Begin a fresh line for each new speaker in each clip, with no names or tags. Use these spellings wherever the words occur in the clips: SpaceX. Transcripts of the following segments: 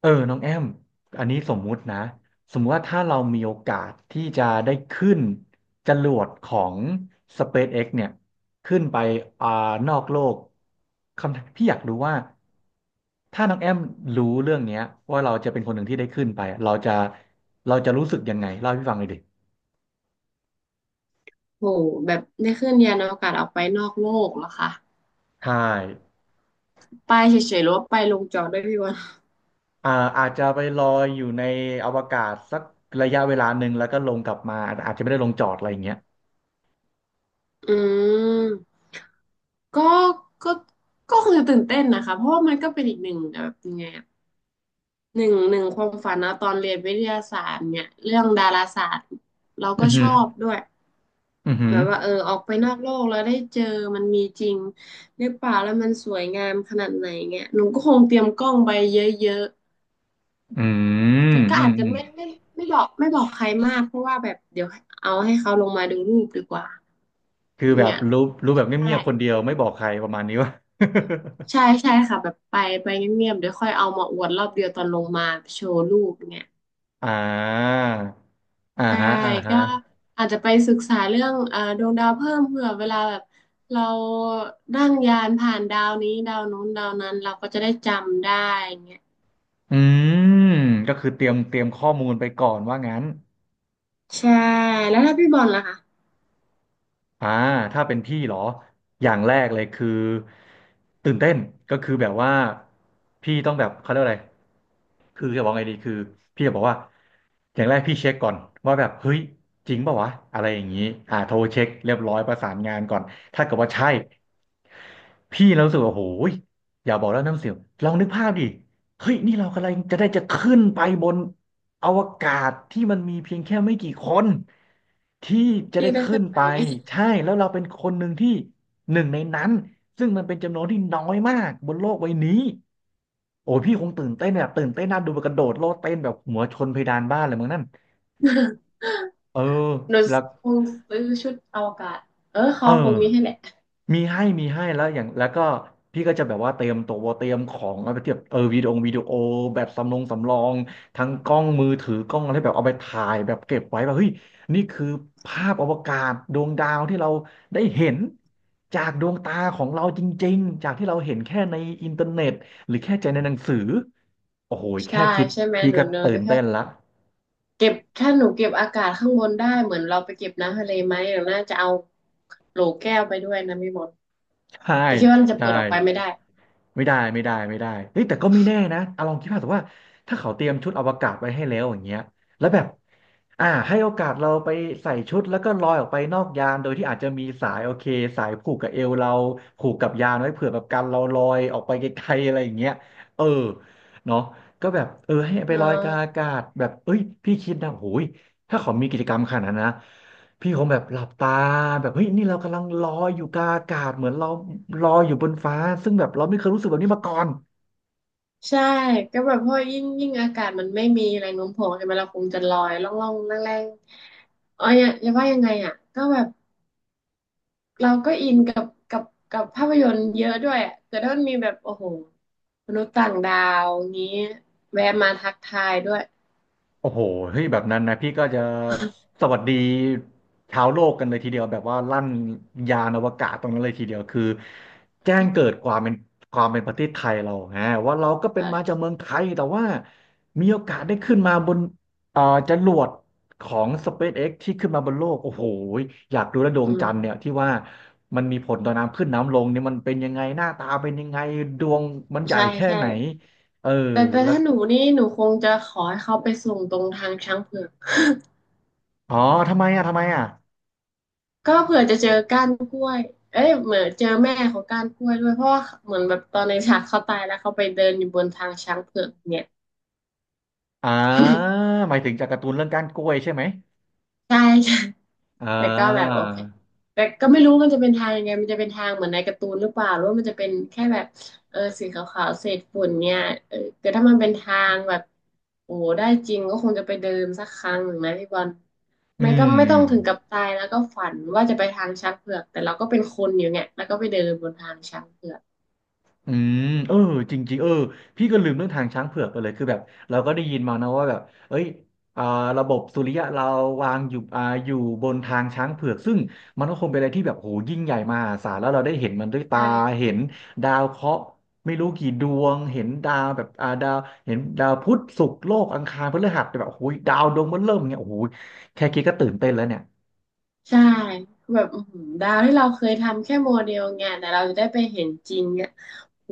เออน้องแอมอันนี้สมมุตินะสมมุติว่าถ้าเรามีโอกาสที่จะได้ขึ้นจรวดของ SpaceX เนี่ยขึ้นไปอ่านอกโลกคำพี่อยากรู้ว่าถ้าน้องแอมรู้เรื่องเนี้ยว่าเราจะเป็นคนหนึ่งที่ได้ขึ้นไปเราจะรู้สึกยังไงเล่าให้พี่ฟังเลยดิ
โหแบบได้ขึ้นยานอวกาศออกไปนอกโลกเหรอคะ
ใช่
ไปเฉยๆหรือว่าไปลงจอดด้วยพี่วัน
อ่าอาจจะไปลอยอยู่ในอวกาศสักระยะเวลาหนึ่งแล้วก็ลงกลับมาอาจจะไม่ได้ลงจอดอะไรอย่างเงี้ย
อืมก็ก็ก็คงจะตื่นเต้นนะคะเพราะว่ามันก็เป็นอีกหนึ่งแบบยังไงอะหนึ่งความฝันนะตอนเรียนวิทยาศาสตร์เนี่ยเรื่องดาราศาสตร์เรา
อื
ก็
อ
ช
หือ
อบด้วย
อือหื
แบ
อ
บว่าเออออกไปนอกโลกแล้วได้เจอมันมีจริงหรือเปล่าแล้วมันสวยงามขนาดไหนเงี้ยหนูก็คงเตรียมกล้องไปเยอะ
อืม
แต่ก็
อื
อา
ม
จจะไม่ไม่บอกใครมากเพราะว่าแบบเดี๋ยวเอาให้เขาลงมาดูรูปดีกว่า
คือแบบ
เนี่ย
รู้แบบ
ใช่
เงียบๆคนเดียวไม่บอกใครประมาณนี้วะ
ใช่ใช่ค่ะแบบไปเงียบๆเดี๋ยวค่อยเอามาอวดรอบเดียวตอนลงมาโชว์รูปเนี่ย
อ่าอ่า
ใช่
ฮะอ่าฮะ
ก็อาจจะไปศึกษาเรื่องดวงดาวเพิ่มเผื่อเวลาแบบเรานั่งยานผ่านดาวนี้ดาวนู้นดาวนั้นเราก็จะได้จำได้เงี้ย
อืมก็คือเตรียมข้อมูลไปก่อนว่างั้น
ใช่แล้วถ้าพี่บอลล่ะคะ
อ่าถ้าเป็นพี่เหรออย่างแรกเลยคือตื่นเต้นก็คือแบบว่าพี่ต้องแบบเขาเรียกว่าอะไรคือจะบอกไงดีคือพี่จะบอกว่าอย่างแรกพี่เช็คก่อนว่าแบบเฮ้ยจริงเปล่าวะอะไรอย่างนี้โทรเช็คเรียบร้อยประสานงานก่อนถ้าเกิดว่าใช่ พี่เรารู้สึกว่าโอ้ยอย่าบอกแล้วน้ำเสียงลองนึกภาพดิเฮ้ยนี่เรากำลังจะได้จะขึ้นไปบนอวกาศที่มันมีเพียงแค่ไม่กี่คนที่จะ
พี่
ได้
ได้
ขึ้
ขึ้
น
นไป
ไป
ไหม
ใช่แล้วเราเป็นคนหนึ่งที่หนึ่งในนั้นซึ่งมันเป็นจำนวนที่น้อยมากบนโลกใบนี้โอ้ยพี่คงตื่นเต้นแบบตื่นเต้นน่าดูแบบกระโดดโลดเต้นแบบหัวชนเพดานบ้านเลยมั้งนั่นเออ
หนู
แล้ว
คงซื้อชุดอวกาศเออ
เอ
เขาค
อ
งมีให้แหละ
มีให้แล้วอย่างแล้วก็พี่ก็จะแบบว่าเตรียมตัวเตรียมของเอาไปเทียบเออวิดีโอแบบสำรองทั้งกล้องมือถือกล้องอะไรแบบเอาไปถ่ายแบบเก็บไว้แบบเฮ้ยนี่คือภาพอวกาศดวงดาวที่เราได้เห็นจากดวงตาของเราจริงๆจากที่เราเห็นแค่ในอินเทอร์เน็ตหรือแค่ใจในหนังสือโอ้โหแค่
ใช่
คิด
ใช่ไหม
พี่
หนู
ก็
เนอ
ตื่
ก็
น
แค่
เต้นละ
เก็บถ้าหนูเก็บอากาศข้างบนได้เหมือนเราไปเก็บน้ำทะเลไหมหนูน่าจะเอาโหลแก้วไปด้วยนะพี่มด
ใช่
แต่คิดว่ามันจะ
ใช่
เปิดออกไปไม่ได้
ไม่ได้เฮ้ยแต่ก็ไม่แน่นะเอาลองคิดภาพแต่ว่าถ้าเขาเตรียมชุดอวกาศไว้ให้แล้วอย่างเงี้ยแล้วแบบให้โอกาสเราไปใส่ชุดแล้วก็ลอยออกไปนอกยานโดยที่อาจจะมีสายโอเคสายผูกกับเอวเราผูกกับยานไว้เผื่อแบบกันเราลอยออกไปไกลๆอะไรอย่างเงี้ยเออเนาะก็แบบเออให้ไป
เน
ล
อะ
อยกลางอากาศแบบเอ้ยพี่คิดนะโอ้ยถ้าเขามีกิจกรรมขนาดนั้นนะ พี่คงแบบหลับตาแบบเฮ้ยนี่เรากำลังลอยอยู่กลางอากาศเหมือนเราลอยอยู่บนฟ้าซึ่งแบบเราไม่เคยรู้สึกแบบนี้มาก่อน
ใช่ก็แบบเพราะยิ่งอากาศมันไม่มีแรงโน้มถ่วงใช่ไหมเราคงจะลอยล่องล่องแรงแรงๆเอ๋ออย่าว่ายังไงอ่ะก็แบบ เราก็อินกับภาพยนตร์เยอะด้วยอะแต่ถ้ามันมีแบบโอ้โหมนุษย์ต่างดาวงี้แวะมาทักทายด้วย
โอ้โหเฮ้ยแบบนั้นนะพี่ก็จะสวัสดีชาวโลกกันเลยทีเดียวแบบว่าลั่นยานอวกาศตรงนั้นเลยทีเดียวคือแจ้งเกิดความเป็นความเป็นประเทศไทยเราฮะว่าเราก็เป็
เอ
นมาจากเมือง
อ
ไทยแต่ว่ามีโอกาสได้ขึ้นมาบนเอ่อจรวดของ SpaceX ที่ขึ้นมาบนโลกโอ้โหอยากดูแลวดว
อื
งจั
ม
นทร์เนี่ยที่ว่ามันมีผลต่อน้ำขึ้นน้ำลงเนี่ยมันเป็นยังไงหน้าตาเป็นยังไงดวงมันใหญ่
ใช่
แค่
ใช่
ไหนเออ
แต่
แล้ว
ถ้าหนูนี่หนูคงจะขอให้เขาไปส่งตรงทางช้างเผือก
อ๋อทำไมอ่ะทำไมอ่ะ
ก็เผื่อจะเจอก้านกล้วยเอ้ยเหมือนเจอแม่ของก้านกล้วยด้วยเพราะว่าเหมือนแบบตอนในฉากเขาตายแล้วเขาไปเดินอยู่บนทางช้างเผือกเนี่ย
อ่าหมายถึงจากการ์ตูนเรื่องก้านกล้วยใช่ไหม
ใช่ใช่
อ่
แต่ก็แบบ
า
โอเค แต่ก็ไม่รู้มันจะเป็นทางยังไง มันจะเป็นทางเหมือนในการ์ตูนหรือเปล่าหรือว่ามันจะเป็นแค่แบบเออสีขาวๆเศษฝุ่นเนี่ยเออแต่ถ้ามันเป็นทางแบบโอ้โหได้จริงก็คงจะไปเดินสักครั้งหนึ่งนะพี่บอล
อื
ไม่ต้องถึงกั
ม
บตายแล้วก็ฝันว่าจะไปทางช้างเผือกแต่เราก็เป็นคนอยู่เนี่ยแล้วก็ไปเดินบนทางช้างเผือก
อืมเออจริงๆเออพี่ก็ลืมเรื่องทางช้างเผือกไปเลยคือแบบเราก็ได้ยินมานะว่าแบบเอ้ยอ่าระบบสุริยะเราวางอยู่อยู่บนทางช้างเผือกซึ่งมันก็คงเป็นอะไรที่แบบโหยิ่งใหญ่มหาศาลแล้วเราได้เห็นมันด้วยตา
ใช่ใช่
เห็นดาวเคราะห์ไม่รู้กี่ดวงเห็นดาวแบบดาวเห็นดาวพุธศุกร์โลกอังคารพฤหัสแต่แบบโอ้ยดาวดวงมันเริ่มอย่างเงี้ยโอ้ยแค่คิดก็ตื่นเต้นแล้วเนี่ย
ใช่แบบอื้อหือดาวที่เราเคยทำแค่โมเดลไงแต่เราจะได้ไปเห็นจริงอ่ะโห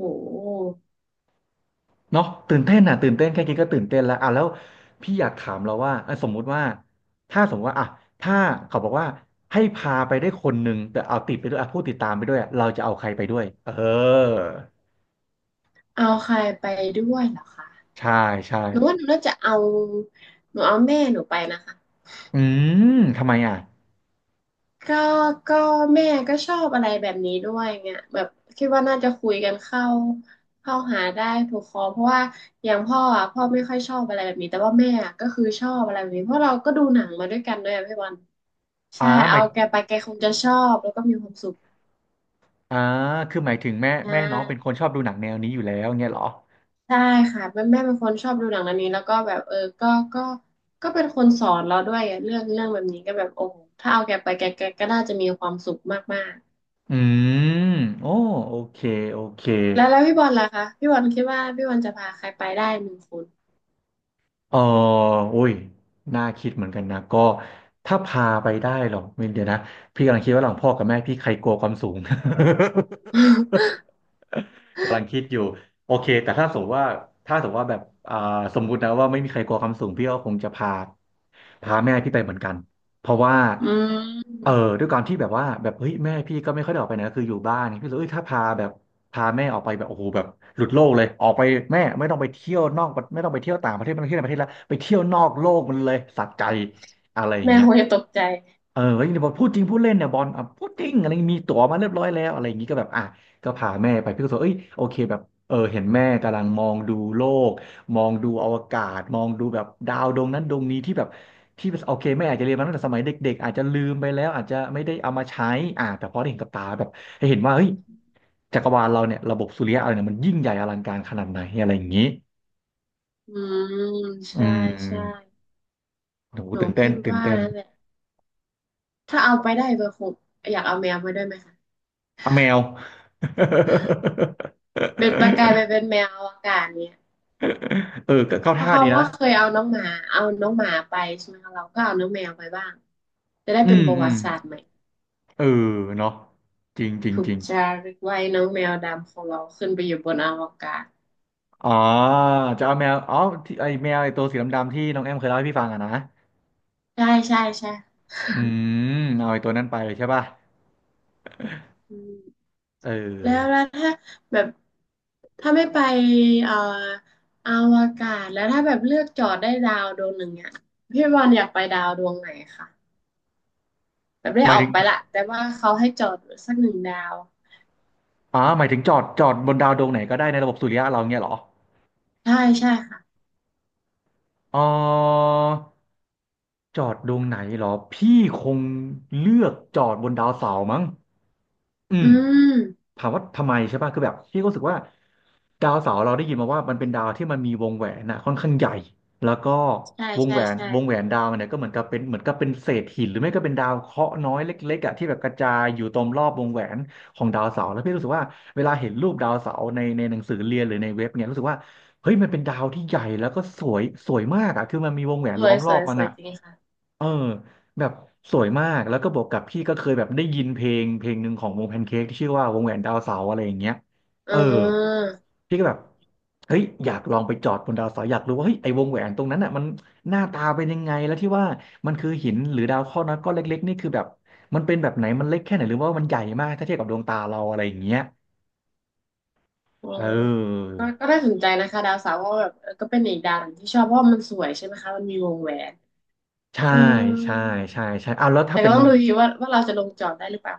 เนาะตื่นเต้นอ่ะตื่นเต้นแค่คิดก็ตื่นเต้นแล้วอ่ะแล้วพี่อยากถามเราว่าอ่ะสมมุติว่าถ้าสมมติว่าอ่ะถ้าเขาบอกว่าให้พาไปได้คนหนึ่งแต่เอาติดไปด้วยอ่ะผู้ติดตามไปด้วยอะเราจะเอาใครไปด้วยเออ
เอาใครไปด้วยเหรอคะ
ใช่ใช่
หนูว่าหนูน่าจะเอาหนูเอาแม่หนูไปนะคะ
อืมทำไมอ่ะ
ก็ก็แม่ก็ชอบอะไรแบบนี้ด้วยเงี้ยแบบคิดว่าน่าจะคุยกันเข้าหาได้ถูกคอเพราะว่าอย่างพ่ออ่ะพ่อไม่ค่อยชอบอะไรแบบนี้แต่ว่าแม่อะก็คือชอบอะไรแบบนี้เพราะเราก็ดูหนังมาด้วยกันด้วยอะพี่บอล
อ่า
ใช่
หมา
เอา
ย
แกไปแกคงจะชอบแล้วก็มีความสุข
อ่าคือหมายถึงแม่
ใช่
แม่น้องเป็นคนชอบดูหนังแนวนี้อยู่แล้วเงี้ยเหรอ
ใช่ค่ะแม่เป็นคนชอบดูหนังเรื่องนี้แล้วก็แบบเออก็ก็เป็นคนสอนเราด้วยอะเรื่องแบบนี้ก็แบบโอ้โหถ้าเอาแกไปแกแกก็น่าจะมีความสุขมาก
อืมโอ้โอเคโอเค
ๆแล้วแล้วพี่บอลล่ะคะพี่บอลคิดว่าพี่บอลจะพาใครไปได้หนึ่งคน
เอออุ้ย น่าคิดเหมือนกันนะ ก็ถ้าพาไปได้หรอไม่เดี๋ยวนะพี่กำลังคิดว่าหลังพ่อกับแม่พี่ใครกลัวความสูง กำลังคิดอยู่โอเคแต่ถ้าสมมติว่าถ้าสมมติว่าแบบอ่าสมมุตินะว่าไม่มีใครกลัวความสูงพี่ก็คงจะพาแม่พี่ไปเหมือนกันเพราะว่า
อื
เออ
ม
ด้วยการที่แบบว่าแบบเฮ้ยแม่พี่ก็ไม่ค่อยได้ออกไปไหนก็คืออยู่บ้านพี่เลยเอ้ยถ้าพาแบบพาแม่ออกไปแบบโอ้โหแบบหลุดโลกเลยออกไปแม่ไม่ต้องไปเที่ยวนอกประไม่ต้องไปเที่ยวต่างประเทศไม่ต้องไปเที่ยวในประเทศแล้วไปเที่ยวนอกโลกมันเลยสะใจอะไรอย่าง
แม่
เงี้ย
คงจะตกใจ
เออก็ยังบอกพูดจริงพูดเล่นเนี่ยบอลอ่ะพูดจริงอะไรอย่างงี้มีตั๋วมาเรียบร้อยแล้วอะไรอย่างงี้ก็แบบอ่ะก็พาแม่ไปพี่ก็บอกเอ้ยโอเคแบบเออเห็นแม่กำลังมองดูโลกมองดูอวกาศมองดูแบบดาวดวงนั้นดวงนี้ที่แบบที่โอเคแม่อาจจะเรียนมาตั้งแต่สมัยเด็กๆอาจจะลืมไปแล้วอาจจะไม่ได้เอามาใช้อ่ะแต่พอได้เห็นกับตาแบบให้เห็นว่าเฮ้ยจักรวาลเราเนี่ยระบบสุริยะเราเนี่ยมันยิ่งใหญ่อลังการขนาดไหนอะไรอย่างงี้
อืม
อื
ใช่
ม
ใช่
โห
หนู
ตื่นเต้
คิ
น
ด
ตื่น
ว่า
เต้น
นั่นแหละถ้าเอาไปได้เบอร์คงอยากเอาแมวมาด้วยไหมคะ
อ่ะแมว
เป็นประกายไป เป็นแมวอวกาศเนี่ย
เออก็เข้า
เพราะ
ท่า
เขา
ดีนะ
ว่าเคยเอาน้องหมาเอาน้องหมาไปใช่ไหมคะเราก็เอาน้องแมวไปบ้างจะได้
อื
เป็น
ม
ประ
อื
วั
ม
ติศาสตร์ใหม่
เออเนาะจริงจริง
ถู
จ
ก
ริง
จารึกไว้น้องแมวดำของเราขึ้นไปอยู่บนอวกาศ
อ๋อจะเอาแมวอ๋อที่ไอแมวไอตัวสีดำๆที่น้องแอมเคยเล่าให้พี่ฟังอะนะ
ใช่ใช่ใช่
อืมเอาไอตัวนั้นไปใช่ป่ะ
อืม
เ
แล้ว
ออ
แล้วถ้าแบบถ้าไม่ไปเอ่ออวกาศแล้วถ้าแบบเลือกจอดได้ดาวดวงหนึ่งอ่ะพี่บอลอยากไปดาวดวงไหนคะแบบได้
หมาย
ออ
ถึ
ก
ง
ไปละแต่ว่าเขาให้จอดสักหนึ่งดาว
อ๋อหมายถึงจอดบนดาวดวงไหนก็ได้ในระบบสุริยะเราเงี้ยเหรอ
ใช่ใช่ค่ะ
อ๋อจอดดวงไหนเหรอ พี่คงเลือกจอดบนดาวเสาร์มั้งอื
อื
ม
ม
ถามว่าทำไมใช่ป่ะคือแบบพี่ก็รู้สึกว่าดาวเสาร์เราได้ยินมาว่ามันเป็นดาวที่มันมีวงแหวนนะค่อนข้างใหญ่แล้วก็
ใช่ใช่ใช่
วงแหวนดาวมันเนี่ยก็เหมือนกับเป็นเหมือนกับเป็นเศษหินหรือไม่ก็เป็นดาวเคราะห์น้อยเล็กๆอ่ะที่แบบกระจายอยู่ตรงรอบวงแหวนของดาวเสาร์แล้วพี่รู้สึกว่าเวลาเห็นรูปดาวเสาร์ในหนังสือเรียนหรือในเว็บเนี่ยรู้สึกว่าเฮ้ยมันเป็นดาวที่ใหญ่แล้วก็สวยสวยมากอ่ะคือมันมีวงแหว
ส
น
ว
ล้อ
ย
ม
ส
รอ
ว
บ
ย
มั
ส
น
วย
อ่ะ
จริงค่ะ
เออแบบสวยมากแล้วก็บวกกับพี่ก็เคยแบบได้ยินเพลงเพลงหนึ่งของวงแพนเค้กที่ชื่อว่าวงแหวนดาวเสาร์อะไรอย่างเงี้ย
อ่
เออ
า
พี่ก็แบบเฮ้ยอยากลองไปจอดบนดาวเสาร์อยากรู้ว่าเฮ้ยไอ้วงแหวนตรงนั้นอ่ะมันหน้าตาเป็นยังไงแล้วที่ว่ามันคือหินหรือดาวเคราะห์น้อยก้อนเล็กๆนี่คือแบบมันเป็นแบบไหนมันเล็กแค่ไหนหรือว่ามันใหญ่มากถ้าเทียบกับดวงตาเราอะไรอย่างเงี้ย
อื
เ
ม
ออ
ก็ก็น่าสนใจนะคะดาวเสาร์ก็แบบเออก็เป็นอีกดาวหนึ่งที่ชอบเพราะว่ามันสวยใช่ไหมคะมันมีวงแหวน
ใช่
อืม
ใช่ใช่ใช่เอาแล้วถ้า
แต่
เป็
ก็
น
ต้องดูดีว่าเราจะลงจอดได้หรือเปล่า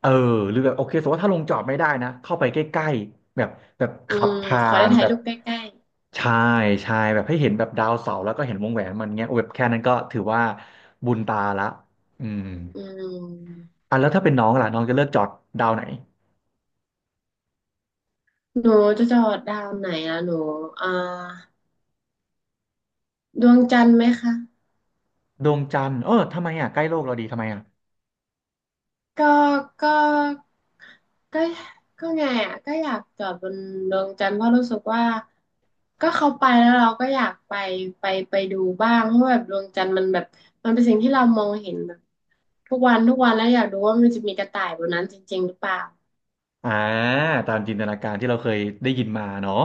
เออหรือแบบโอเคสมมติว่าถ้าลงจอดไม่ได้นะเข้าไปใกล้ๆแบบ
อื
ขับ
ม
ผ่า
ขอได้
น
ถ่า
แบ
ย
บ
รูปใกล้
ชาชายแบบให้เห็นแบบดาวเสาร์แล้วก็เห็นวงแหวนมันเงี้ยโอ้แบบแค่นั้นก็ถือว่าบุญตาละอืม
ๆอืม
อ่ะแล้วถ้าเป็นน้องล่ะน้องจะเลือกจอดดาวไหน
หนูจะจอดดาวไหนอะหนูอ่าดวงจันทร์ไหมคะ
ดวงจันทร์เออทำไมอ่ะใกล้โลกเราดีทำไมอ่ะ
ก็ก็ก็ก็ไงอ่ะก็อยากจอดบนดวงจันทร์เพราะรู้สึกว่าก็เขาไปแล้วเราก็อยากไปไปดูบ้างเพราะแบบดวงจันทร์มันแบบมันเป็นสิ่งที่เรามองเห็นแบบทุกวันทุกวันแล้วอยากดูว่ามันจะมีกระต่ายบนนั้นจริงๆหรือเปล่า
อ่าตามจินตนาการที่เราเคยได้ยินมาเนาะ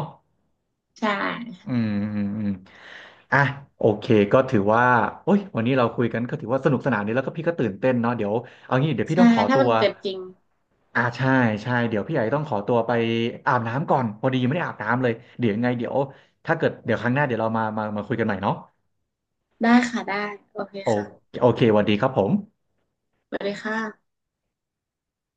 ใช่
อืมอืมอืมอ่ะโอเคก็ถือว่าโอ้ยวันนี้เราคุยกันก็ถือว่าสนุกสนานดีแล้วก็พี่ก็ตื่นเต้นเนาะเดี๋ยวเอางี้เดี๋ยวพี่
ใช่
ต้องขอ
ถ้า
ตั
มั
ว
นเกิดจริง
อ่าใช่ใช่เดี๋ยวพี่ใหญ่ต้องขอตัวไปอาบน้ำก่อนพอดียังไม่ได้อาบน้ำเลยเดี๋ยวยังไงเดี๋ยวถ้าเกิดเดี๋ยวครั้งหน้าเดี๋ยวเรามาคุยกันใหม่เนาะ
ได้ค่ะได้โอเค
โอ
ค่ะ
โอเคสวัสดีครับผม
สวัสดีค่ะ